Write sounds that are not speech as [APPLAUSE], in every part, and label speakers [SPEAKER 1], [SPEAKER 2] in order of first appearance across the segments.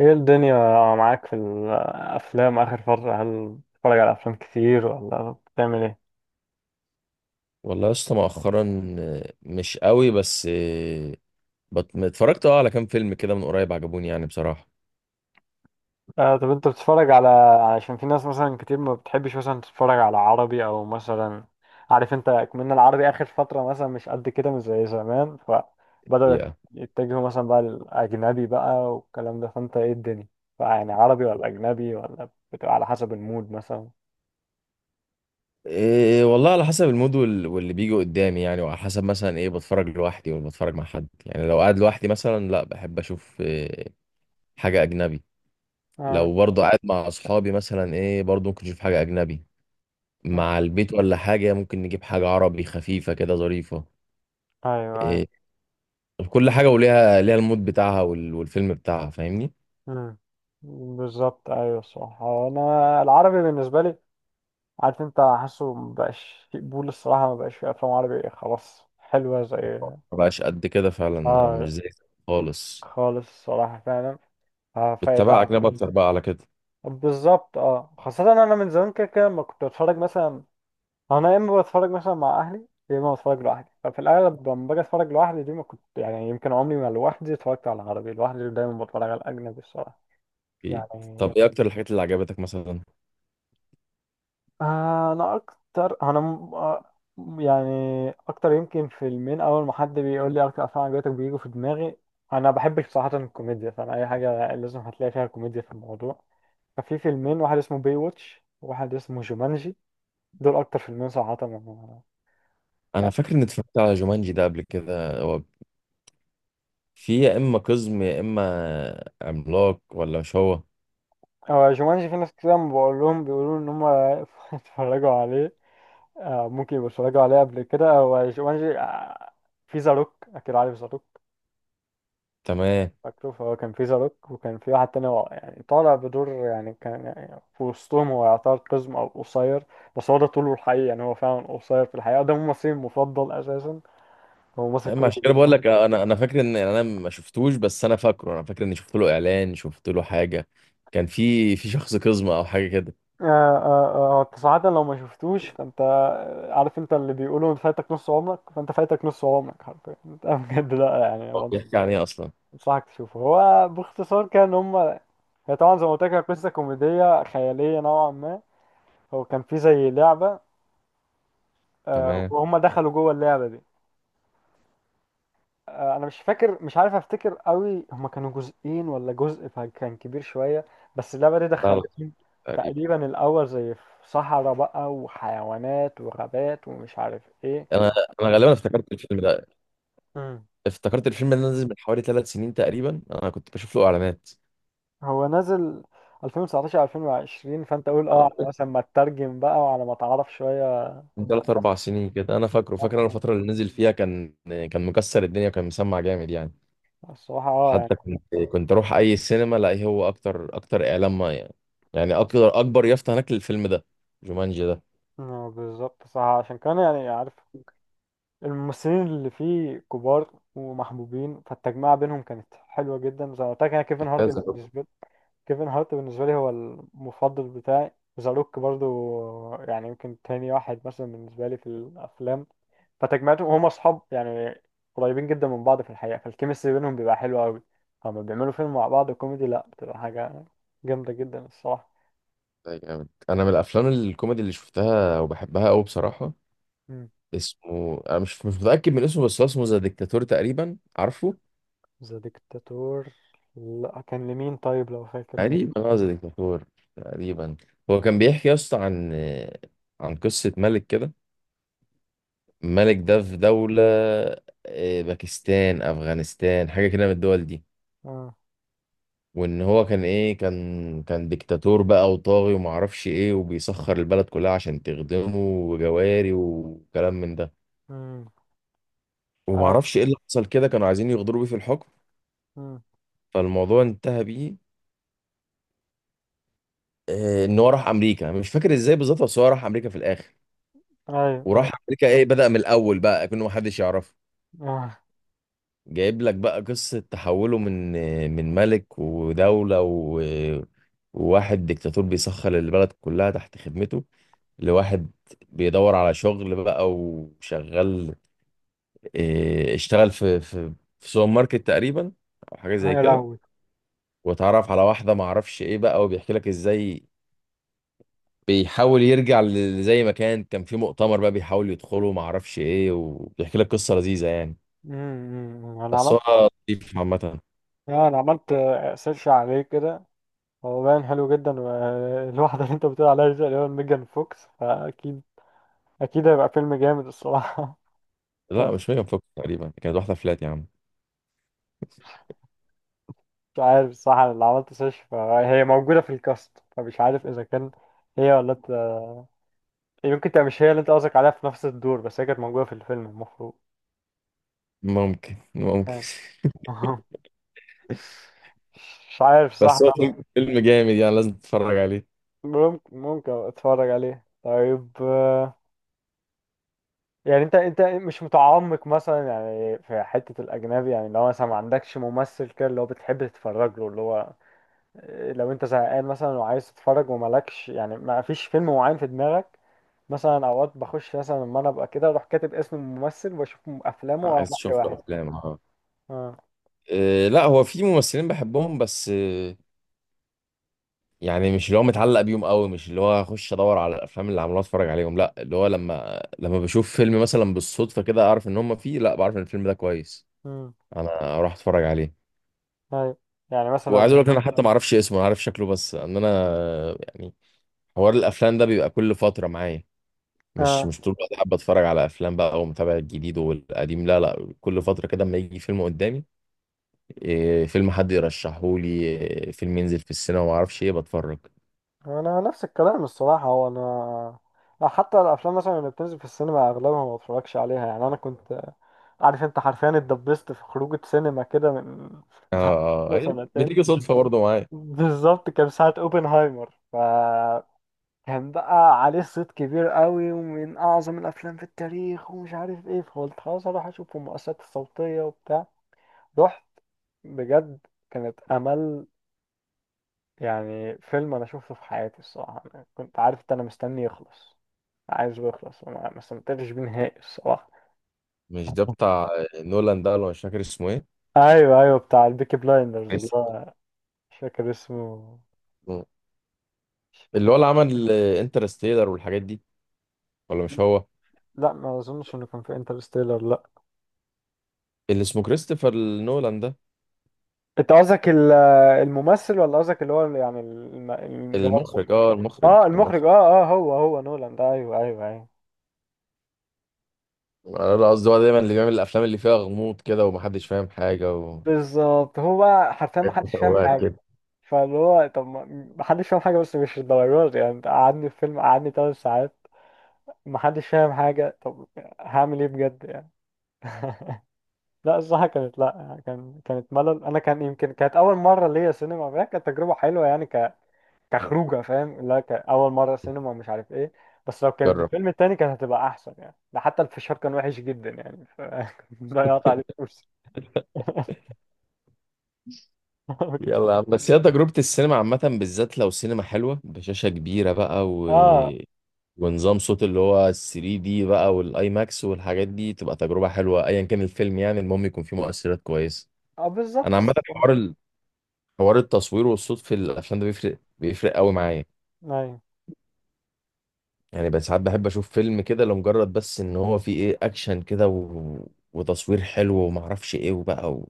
[SPEAKER 1] ايه الدنيا معاك في الافلام اخر فترة، هل بتتفرج على افلام كتير ولا بتعمل ايه؟
[SPEAKER 2] والله يا اسطى مؤخرا مش قوي بس اتفرجت على كام فيلم كده من قريب عجبوني يعني بصراحة.
[SPEAKER 1] آه، طب انت بتتفرج على، عشان في ناس مثلا كتير ما بتحبش مثلا تتفرج على عربي او مثلا، عارف انت كمان العربي اخر فترة مثلا مش قد كده مش زي زمان، فبدأوا
[SPEAKER 2] الحقيقة
[SPEAKER 1] يتجهوا مثلا بقى للاجنبي بقى والكلام ده، فانت ايه الدنيا، فيعني عربي ولا اجنبي ولا بتبقى على حسب المود مثلا؟
[SPEAKER 2] إيه والله، على حسب المود واللي بيجي قدامي يعني، وعلى حسب مثلا ايه، بتفرج لوحدي ولا بتفرج مع حد يعني. لو قاعد لوحدي مثلا لا، بحب اشوف إيه حاجة اجنبي.
[SPEAKER 1] اه،
[SPEAKER 2] لو برضه قاعد مع اصحابي مثلا ايه، برضه ممكن اشوف حاجة اجنبي.
[SPEAKER 1] آه،
[SPEAKER 2] مع البيت ولا حاجة ممكن نجيب حاجة عربي خفيفة كده ظريفة.
[SPEAKER 1] ايوه.
[SPEAKER 2] إيه، كل حاجة وليها المود بتاعها والفيلم بتاعها، فاهمني؟
[SPEAKER 1] مم. بالظبط، ايوه صح. هو انا العربي بالنسبه لي، عارف انت، حاسه مبقاش في قبول الصراحه، مبقاش في افلام عربي خلاص حلوه زي،
[SPEAKER 2] ما بقاش قد كده فعلا، مش
[SPEAKER 1] اه
[SPEAKER 2] زي زمان خالص.
[SPEAKER 1] خالص الصراحه فعلا. آه
[SPEAKER 2] بتتابع
[SPEAKER 1] فيبقى
[SPEAKER 2] أجنبي أكتر بقى على كده.
[SPEAKER 1] بالظبط، اه، خاصه انا من زمان كده كده ما كنت بتفرج مثلا، انا يا اما بتفرج مثلا مع اهلي يا اما بتفرج لوحدي، ففي الاغلب لما باجي اتفرج لوحدي دي، ما كنت يعني يمكن عمري ما لوحدي اتفرجت على العربي لوحدي، دايما بتفرج على الاجنبي الصراحه
[SPEAKER 2] أكيد.
[SPEAKER 1] يعني.
[SPEAKER 2] طب إيه أكتر الحاجات اللي عجبتك مثلا؟
[SPEAKER 1] انا اكتر، انا م- آه، يعني اكتر يمكن فيلمين اول ما حد بيقول لي اكتر افلام عجبتك بيجوا في دماغي. انا بحبش بصراحه الكوميديا، فانا اي حاجه لازم هتلاقي فيها كوميديا في الموضوع. ففي فيلمين، واحد اسمه باي واتش وواحد اسمه جومانجي، دول اكتر فيلمين صراحه
[SPEAKER 2] أنا
[SPEAKER 1] يعني.
[SPEAKER 2] فاكر إني اتفرجت على جومانجي ده قبل كده، هو في يا إما قزم يا إما عملاق، ولا مش هو؟
[SPEAKER 1] هو جومانجي في ناس كتير لما بقول لهم بيقولوا ان هم [LAUGHS] اتفرجوا عليه. ممكن يبقوا اتفرجوا عليه قبل كده. هو جومانجي، في زاروك، اكيد عارف زاروك،
[SPEAKER 2] تمام.
[SPEAKER 1] فاكره. فهو كان في زاروك وكان في واحد تاني هو يعني طالع بدور، يعني كان يعني في وسطهم هو يعتبر قزم أو قصير، بس هو ده طوله الحقيقي يعني هو فعلا قصير في الحقيقة. ده ممثلي المفضل أساسا، هو ممثل
[SPEAKER 2] اما
[SPEAKER 1] كوميدي
[SPEAKER 2] عشان كده
[SPEAKER 1] جدا.
[SPEAKER 2] بقول لك انا فاكر ان انا ما شفتوش، بس انا فاكر اني شفت له اعلان، شفت له حاجه، كان في شخص قزمه او حاجه كده.
[SPEAKER 1] آه آه، آه، أنت صراحة لو ما شفتوش فأنت، عارف أنت، اللي بيقولوا أنت فايتك نص عمرك، فأنت فايتك نص عمرك حرفيا [LAUGHS] أنت بجد لأ يعني،
[SPEAKER 2] هو بيحكي عن ايه اصلا؟
[SPEAKER 1] بنصحك تشوفه. هو باختصار كان هما، هي طبعا زي ما قلت لك هي قصة كوميدية خيالية نوعا ما. هو كان في زي لعبة،
[SPEAKER 2] تمام.
[SPEAKER 1] وهم دخلوا جوه اللعبة دي. انا مش فاكر، مش عارف افتكر قوي هما كانوا جزئين ولا جزء، فكان كبير شويه، بس اللعبه دي
[SPEAKER 2] لا، لا،
[SPEAKER 1] دخلتهم.
[SPEAKER 2] تقريبا.
[SPEAKER 1] تقريبا الاول زي في صحراء بقى وحيوانات وغابات ومش عارف ايه.
[SPEAKER 2] انا انا غالبا افتكرت الفيلم ده،
[SPEAKER 1] مم.
[SPEAKER 2] افتكرت الفيلم اللي نزل من حوالي ثلاث سنين تقريبا، انا كنت بشوف له اعلانات.
[SPEAKER 1] هو نازل 2019 2020، فانت قول اه
[SPEAKER 2] آه،
[SPEAKER 1] على مثلا ما تترجم بقى وعلى ما تعرف شويه.
[SPEAKER 2] من ثلاث اربع سنين كده انا فاكر انا الفتره اللي نزل فيها، كان مكسر الدنيا وكان مسمع جامد يعني.
[SPEAKER 1] الصراحه اه يعني،
[SPEAKER 2] حتى كنت اروح اي سينما الاقي هو اكتر اعلان ما يعني، يعني اكبر يافطه هناك للفيلم ده، جومانجي ده.
[SPEAKER 1] بالظبط صح. عشان كان يعني عارف، الممثلين اللي فيه كبار ومحبوبين، فالتجمعة بينهم كانت حلوة جدا. زي ما قلت لك انا كيفن هارت
[SPEAKER 2] كذا.
[SPEAKER 1] بالنسبة لي، كيفن هارت بالنسبة لي هو المفضل بتاعي. ذا روك برضو يعني، يمكن تاني واحد مثلا بالنسبة لي في الأفلام. فتجمعتهم هما أصحاب يعني، قريبين جدا من بعض في الحقيقة، فالكيمستري بينهم بيبقى حلو أوي. هما بيعملوا فيلم مع بعض كوميدي لأ، بتبقى حاجة جامدة جدا الصراحة.
[SPEAKER 2] ده جامد، انا من الافلام الكوميدي اللي شفتها وبحبها قوي بصراحه. اسمه، انا مش متاكد من اسمه، بس هو اسمه ذا ديكتاتور تقريبا، عارفه؟
[SPEAKER 1] ذا ديكتاتور، لأ، كان لمين طيب لو فاكر؟
[SPEAKER 2] تقريبا غزة ديكتاتور تقريبا. هو كان بيحكي يا اسطى عن قصة ملك كده، الملك ده في دولة، باكستان، أفغانستان، حاجة كده من الدول دي.
[SPEAKER 1] آه.
[SPEAKER 2] وإن هو كان إيه كان كان ديكتاتور بقى وطاغي ومعرفش إيه، وبيسخر البلد كلها عشان تخدمه، وجواري وكلام من ده.
[SPEAKER 1] مم. أي...
[SPEAKER 2] ومعرفش إيه اللي حصل كده، كانوا عايزين يغدروا بيه في الحكم.
[SPEAKER 1] مم.
[SPEAKER 2] فالموضوع انتهى بيه إن هو راح أمريكا، مش فاكر إزاي بالظبط، بس هو راح أمريكا في الآخر.
[SPEAKER 1] أيوه،
[SPEAKER 2] وراح
[SPEAKER 1] أيوه.
[SPEAKER 2] امريكا ايه، بدأ من الاول بقى كأنه محدش يعرفه،
[SPEAKER 1] آه.
[SPEAKER 2] جايب لك بقى قصة تحوله من ملك ودولة و... وواحد ديكتاتور بيسخر البلد كلها تحت خدمته، لواحد بيدور على شغل بقى وشغال، إيه، اشتغل في في سوبر ماركت تقريبا، او حاجة زي
[SPEAKER 1] يا
[SPEAKER 2] كده.
[SPEAKER 1] لهوي.
[SPEAKER 2] واتعرف على واحدة معرفش ايه بقى، وبيحكي لك ازاي بيحاول يرجع زي ما كان، كان في مؤتمر بقى بيحاول يدخله معرفش ايه، وبيحكي لك قصة لذيذة يعني.
[SPEAKER 1] مم. مم. أنا
[SPEAKER 2] بس
[SPEAKER 1] عملت،
[SPEAKER 2] هو نضيف عامة.
[SPEAKER 1] أنا عملت سيرش عليه كده، هو باين حلو جدا. والواحدة [LAUGHS] اللي انت بتقول عليها دي، اللي هو ميجان فوكس، فأكيد أكيد هيبقى فيلم جامد الصراحة.
[SPEAKER 2] لا،
[SPEAKER 1] [LAUGHS]
[SPEAKER 2] مش ميجان فوكس، تقريبا كانت واحدة فلات يا عم.
[SPEAKER 1] مش عارف الصراحة، أنا اللي عملت سيرش فهي موجودة في الكاست، فمش عارف إذا كان هي ولا انت، يمكن تبقى مش هي اللي انت قصدك عليها في نفس الدور، بس هي كانت موجودة في الفيلم المفروض
[SPEAKER 2] ممكن، ممكن.
[SPEAKER 1] يعني. [LAUGHS] مش عارف
[SPEAKER 2] [LAUGHS]
[SPEAKER 1] صح.
[SPEAKER 2] بس هو فيلم جامد يعني، لازم تتفرج عليه.
[SPEAKER 1] ممكن ممكن أبقى اتفرج عليه طيب. يعني انت مش متعمق مثلا يعني في حتة الأجنبي؟ يعني لو مثلا ما عندكش ممثل كده اللي هو بتحب تتفرج له، اللي هو لو انت زهقان مثلا وعايز تتفرج ومالكش يعني ما فيش فيلم معين في دماغك. مثلا اوقات بخش مثلا لما انا ابقى كده اروح كاتب اسم الممثل واشوف افلامه واحد
[SPEAKER 2] عايز تشوف له
[SPEAKER 1] واحد.
[SPEAKER 2] أفلام، اه.
[SPEAKER 1] اه.
[SPEAKER 2] لا هو في ممثلين بحبهم، بس يعني مش اللي هو متعلق بيهم قوي، مش اللي هو اخش ادور على الافلام اللي عملوها اتفرج عليهم، لا، اللي هو لما بشوف فيلم مثلا بالصدفه كده، اعرف ان هم فيه، لا، بعرف ان الفيلم ده كويس،
[SPEAKER 1] امم.
[SPEAKER 2] انا اروح اتفرج عليه.
[SPEAKER 1] ايوه. يعني
[SPEAKER 2] وعايز
[SPEAKER 1] مثلا،
[SPEAKER 2] اقول لك، انا حتى ما اعرفش اسمه، انا عارف شكله بس، ان انا يعني حوار الافلام ده بيبقى كل فتره معايا، مش طول الوقت حابة اتفرج على افلام بقى ومتابع الجديد والقديم، لا، لا، كل فترة كده اما يجي فيلم قدامي، إيه فيلم حد يرشحه لي، إيه فيلم ينزل في السينما وما اعرفش ايه، بتفرج.
[SPEAKER 1] انا نفس الكلام الصراحه. هو انا لا، حتى الافلام مثلا اللي بتنزل في السينما اغلبها ما بتفرجش عليها. يعني انا كنت، عارف انت، حرفيا اتدبست في خروجه سينما كده من بتاع [LAUGHS]
[SPEAKER 2] إيه،
[SPEAKER 1] سنتين.
[SPEAKER 2] بتيجي صدفة برضه معايا.
[SPEAKER 1] بالظبط كان ساعه اوبنهايمر، ف كان بقى عليه صيت كبير قوي ومن اعظم الافلام في التاريخ ومش عارف ايه، فقلت خلاص اروح اشوف المؤثرات الصوتيه وبتاع. رحت بجد، كانت امل. يعني فيلم انا شفته في حياتي الصراحه، أنا كنت عارف ان انا مستني يخلص، عايز بيخلص، ما استمتعتش بيه نهائي الصراحة.
[SPEAKER 2] مش ده بتاع نولان ده ولا؟ مش فاكر اسمه ايه.
[SPEAKER 1] ايوه ايوه بتاع البيكي بلايندرز.
[SPEAKER 2] كريس-
[SPEAKER 1] الله، مش فاكر اسمه. مش
[SPEAKER 2] اللي
[SPEAKER 1] فاكر.
[SPEAKER 2] هو اللي عمل انترستيلر والحاجات دي، ولا مش هو؟
[SPEAKER 1] لا ما اظنش انه كان في انترستيلر، لا.
[SPEAKER 2] اللي اسمه كريستوفر نولان ده.
[SPEAKER 1] انت قصدك الممثل ولا قصدك اللي هو يعني اللي هو المخرج؟
[SPEAKER 2] المخرج،
[SPEAKER 1] اه المخرج،
[SPEAKER 2] المخرج.
[SPEAKER 1] اه اه، هو هو نولان ده، ايوه ايوه ايوه.
[SPEAKER 2] انا، لا، قصدي هو دايما اللي بيعمل الافلام اللي فيها غموض كده ومحدش فاهم حاجة. و...
[SPEAKER 1] بالظبط، هو بقى حرفيا ما حدش
[SPEAKER 2] [LAUGHS]
[SPEAKER 1] فاهم
[SPEAKER 2] هو
[SPEAKER 1] حاجه،
[SPEAKER 2] كده.
[SPEAKER 1] فاللي هو طب ما، ما حدش فاهم حاجه بس مش الدرجات دي. يعني انت قعدني في فيلم قعدني 3 ساعات ما حدش فاهم حاجه، طب هعمل ايه بجد يعني؟ [LAUGHS] لا الصراحة كانت، لا كان كانت ملل أنا كان يمكن كانت أول مرة ليا سينما فهي كانت تجربة حلوة يعني، كخروجة فاهم، لا كأول مرة سينما مش عارف إيه. بس لو كانت
[SPEAKER 2] جرب،
[SPEAKER 1] بالفيلم التاني كانت هتبقى أحسن يعني، ده حتى الفشار كان وحش جدا يعني ف... [LAUGHS] ضيعت عليه فلوس. [LAUGHS]
[SPEAKER 2] يلا يا عم، بس هي تجربة السينما عامة، بالذات لو سينما حلوة بشاشة كبيرة بقى، و...
[SPEAKER 1] آه
[SPEAKER 2] ونظام صوت اللي هو 3D بقى، والاي ماكس والحاجات دي، تبقى تجربة حلوة ايا كان الفيلم يعني، المهم يكون فيه مؤثرات كويسة.
[SPEAKER 1] آه
[SPEAKER 2] انا
[SPEAKER 1] بالظبط
[SPEAKER 2] عامة حوار حوار التصوير والصوت في الافلام ده بيفرق قوي معايا
[SPEAKER 1] أيوه.
[SPEAKER 2] يعني. بس ساعات بحب اشوف فيلم كده لمجرد بس ان هو فيه ايه اكشن كده، و... وتصوير حلو ومعرفش ايه وبقى، و...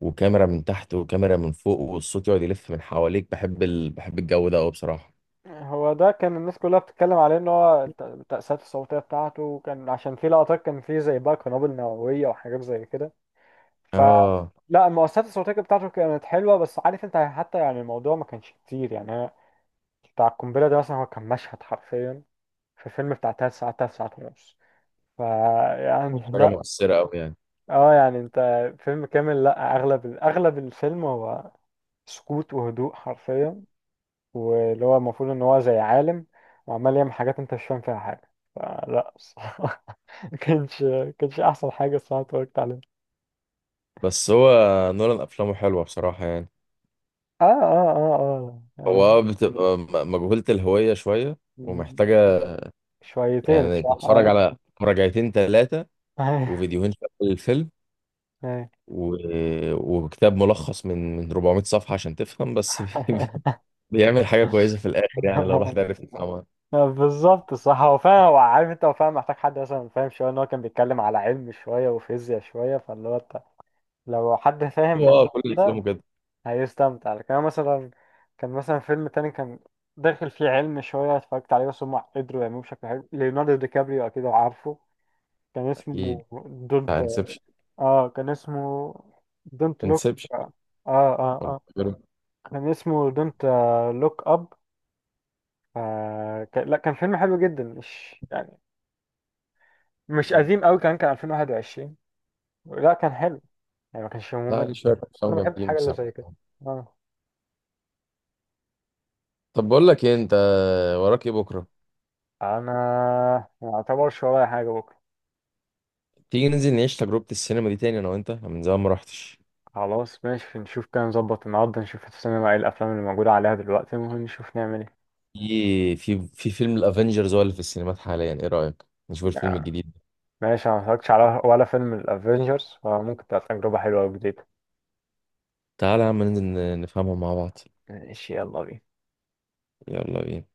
[SPEAKER 2] وكاميرا من تحت وكاميرا من فوق والصوت يقعد يلف من حواليك، بحب بحب الجو ده قوي بصراحة.
[SPEAKER 1] هو ده كان الناس كلها بتتكلم عليه إن هو التأثيرات الصوتية بتاعته، كان عشان في لقطات كان فيه زي بقى قنابل نووية وحاجات زي كده ف،
[SPEAKER 2] اه،
[SPEAKER 1] لا المؤثرات الصوتية بتاعته كانت حلوة، بس عارف انت حتى يعني الموضوع ما كانش كتير يعني انا، بتاع القنبلة ده مثلا هو كان مشهد حرفيا في فيلم بتاع تلات ساعات، تلات ساعات ونص ف، يعني [LAUGHS]
[SPEAKER 2] حاجة
[SPEAKER 1] لا.
[SPEAKER 2] مؤثرة أوي يعني.
[SPEAKER 1] اه يعني انت، فيلم كامل لا، اغلب الفيلم هو سكوت وهدوء حرفيا، واللي هو المفروض ان هو زي عالم وعمال يعمل حاجات انت مش فاهم فيها حاجة، فلا الصراحة [LAUGHS] ما كانش احسن حاجة الصراحة اتفرجت عليها.
[SPEAKER 2] بس هو نولان أفلامه حلوة بصراحة يعني.
[SPEAKER 1] اه اه اه اه
[SPEAKER 2] هو
[SPEAKER 1] يعني،
[SPEAKER 2] بتبقى مجهولة الهوية شوية، ومحتاجة
[SPEAKER 1] شويتين
[SPEAKER 2] يعني تتفرج
[SPEAKER 1] الصراحة.
[SPEAKER 2] على مراجعتين تلاتة
[SPEAKER 1] اه [LAUGHS]
[SPEAKER 2] وفيديوهين في أول الفيلم،
[SPEAKER 1] ايه.
[SPEAKER 2] و... وكتاب ملخص من 400 صفحة عشان تفهم بس.
[SPEAKER 1] [LAUGHS]
[SPEAKER 2] [LAUGHS] بيعمل حاجة كويسة في الآخر يعني، لو الواحد عرف يفهمها.
[SPEAKER 1] بالظبط صح. هو فعلا، هو عارف انت هو فعلا محتاج حد مثلا فاهم شويه، ان هو كان بيتكلم على علم شويه وفيزياء شويه، فاللي هو انت لو حد فاهم في
[SPEAKER 2] هو
[SPEAKER 1] الكلام
[SPEAKER 2] كل
[SPEAKER 1] ده
[SPEAKER 2] أفلامه كده.
[SPEAKER 1] هيستمتع، لكن أنا مثلا، كان مثلا فيلم تاني كان داخل فيه علم شويه اتفرجت عليه بس هم قدروا يعملوه بشكل حلو. ليوناردو دي كابريو اكيد عارفه، كان
[SPEAKER 2] أكيد.
[SPEAKER 1] اسمه دونت.
[SPEAKER 2] انسبشن.
[SPEAKER 1] اه كان اسمه دونت لوك.
[SPEAKER 2] انسبشن
[SPEAKER 1] اه اه اه.
[SPEAKER 2] ولا
[SPEAKER 1] آه.
[SPEAKER 2] غيره.
[SPEAKER 1] كان اسمه دونت لوك اب. آه لا كان فيلم حلو جدا، مش يعني مش قديم قوي، كان 2021. لا كان حلو يعني ما كانش
[SPEAKER 2] لا،
[SPEAKER 1] ممل.
[SPEAKER 2] ليه شوية أفلام
[SPEAKER 1] انا بحب
[SPEAKER 2] جامدين
[SPEAKER 1] الحاجه اللي
[SPEAKER 2] بصراحة.
[SPEAKER 1] زي كده. اه.
[SPEAKER 2] طب بقول لك إيه، أنت وراك إيه بكرة؟
[SPEAKER 1] انا ما اعتبرش ورايا حاجه بكره.
[SPEAKER 2] تيجي ننزل نعيش تجربة السينما دي تاني، انا وانت، أنا من زمان ما رحتش.
[SPEAKER 1] خلاص ماشي، نشوف كده نظبط النهارده نشوف في السينما ايه الافلام اللي موجوده عليها دلوقتي، ممكن نشوف نعمل ايه.
[SPEAKER 2] في في فيلم الافنجرز هو اللي في السينمات حاليا، ايه رأيك نشوف الفيلم
[SPEAKER 1] آه،
[SPEAKER 2] الجديد ده؟
[SPEAKER 1] ماشي، انا ما اتفرجتش على ولا فيلم الافينجرز، فممكن تبقى تجربه حلوه وجديده.
[SPEAKER 2] تعالى يا عم ننزل نفهمه مع بعض.
[SPEAKER 1] ماشي، يلا بينا.
[SPEAKER 2] يلا بينا.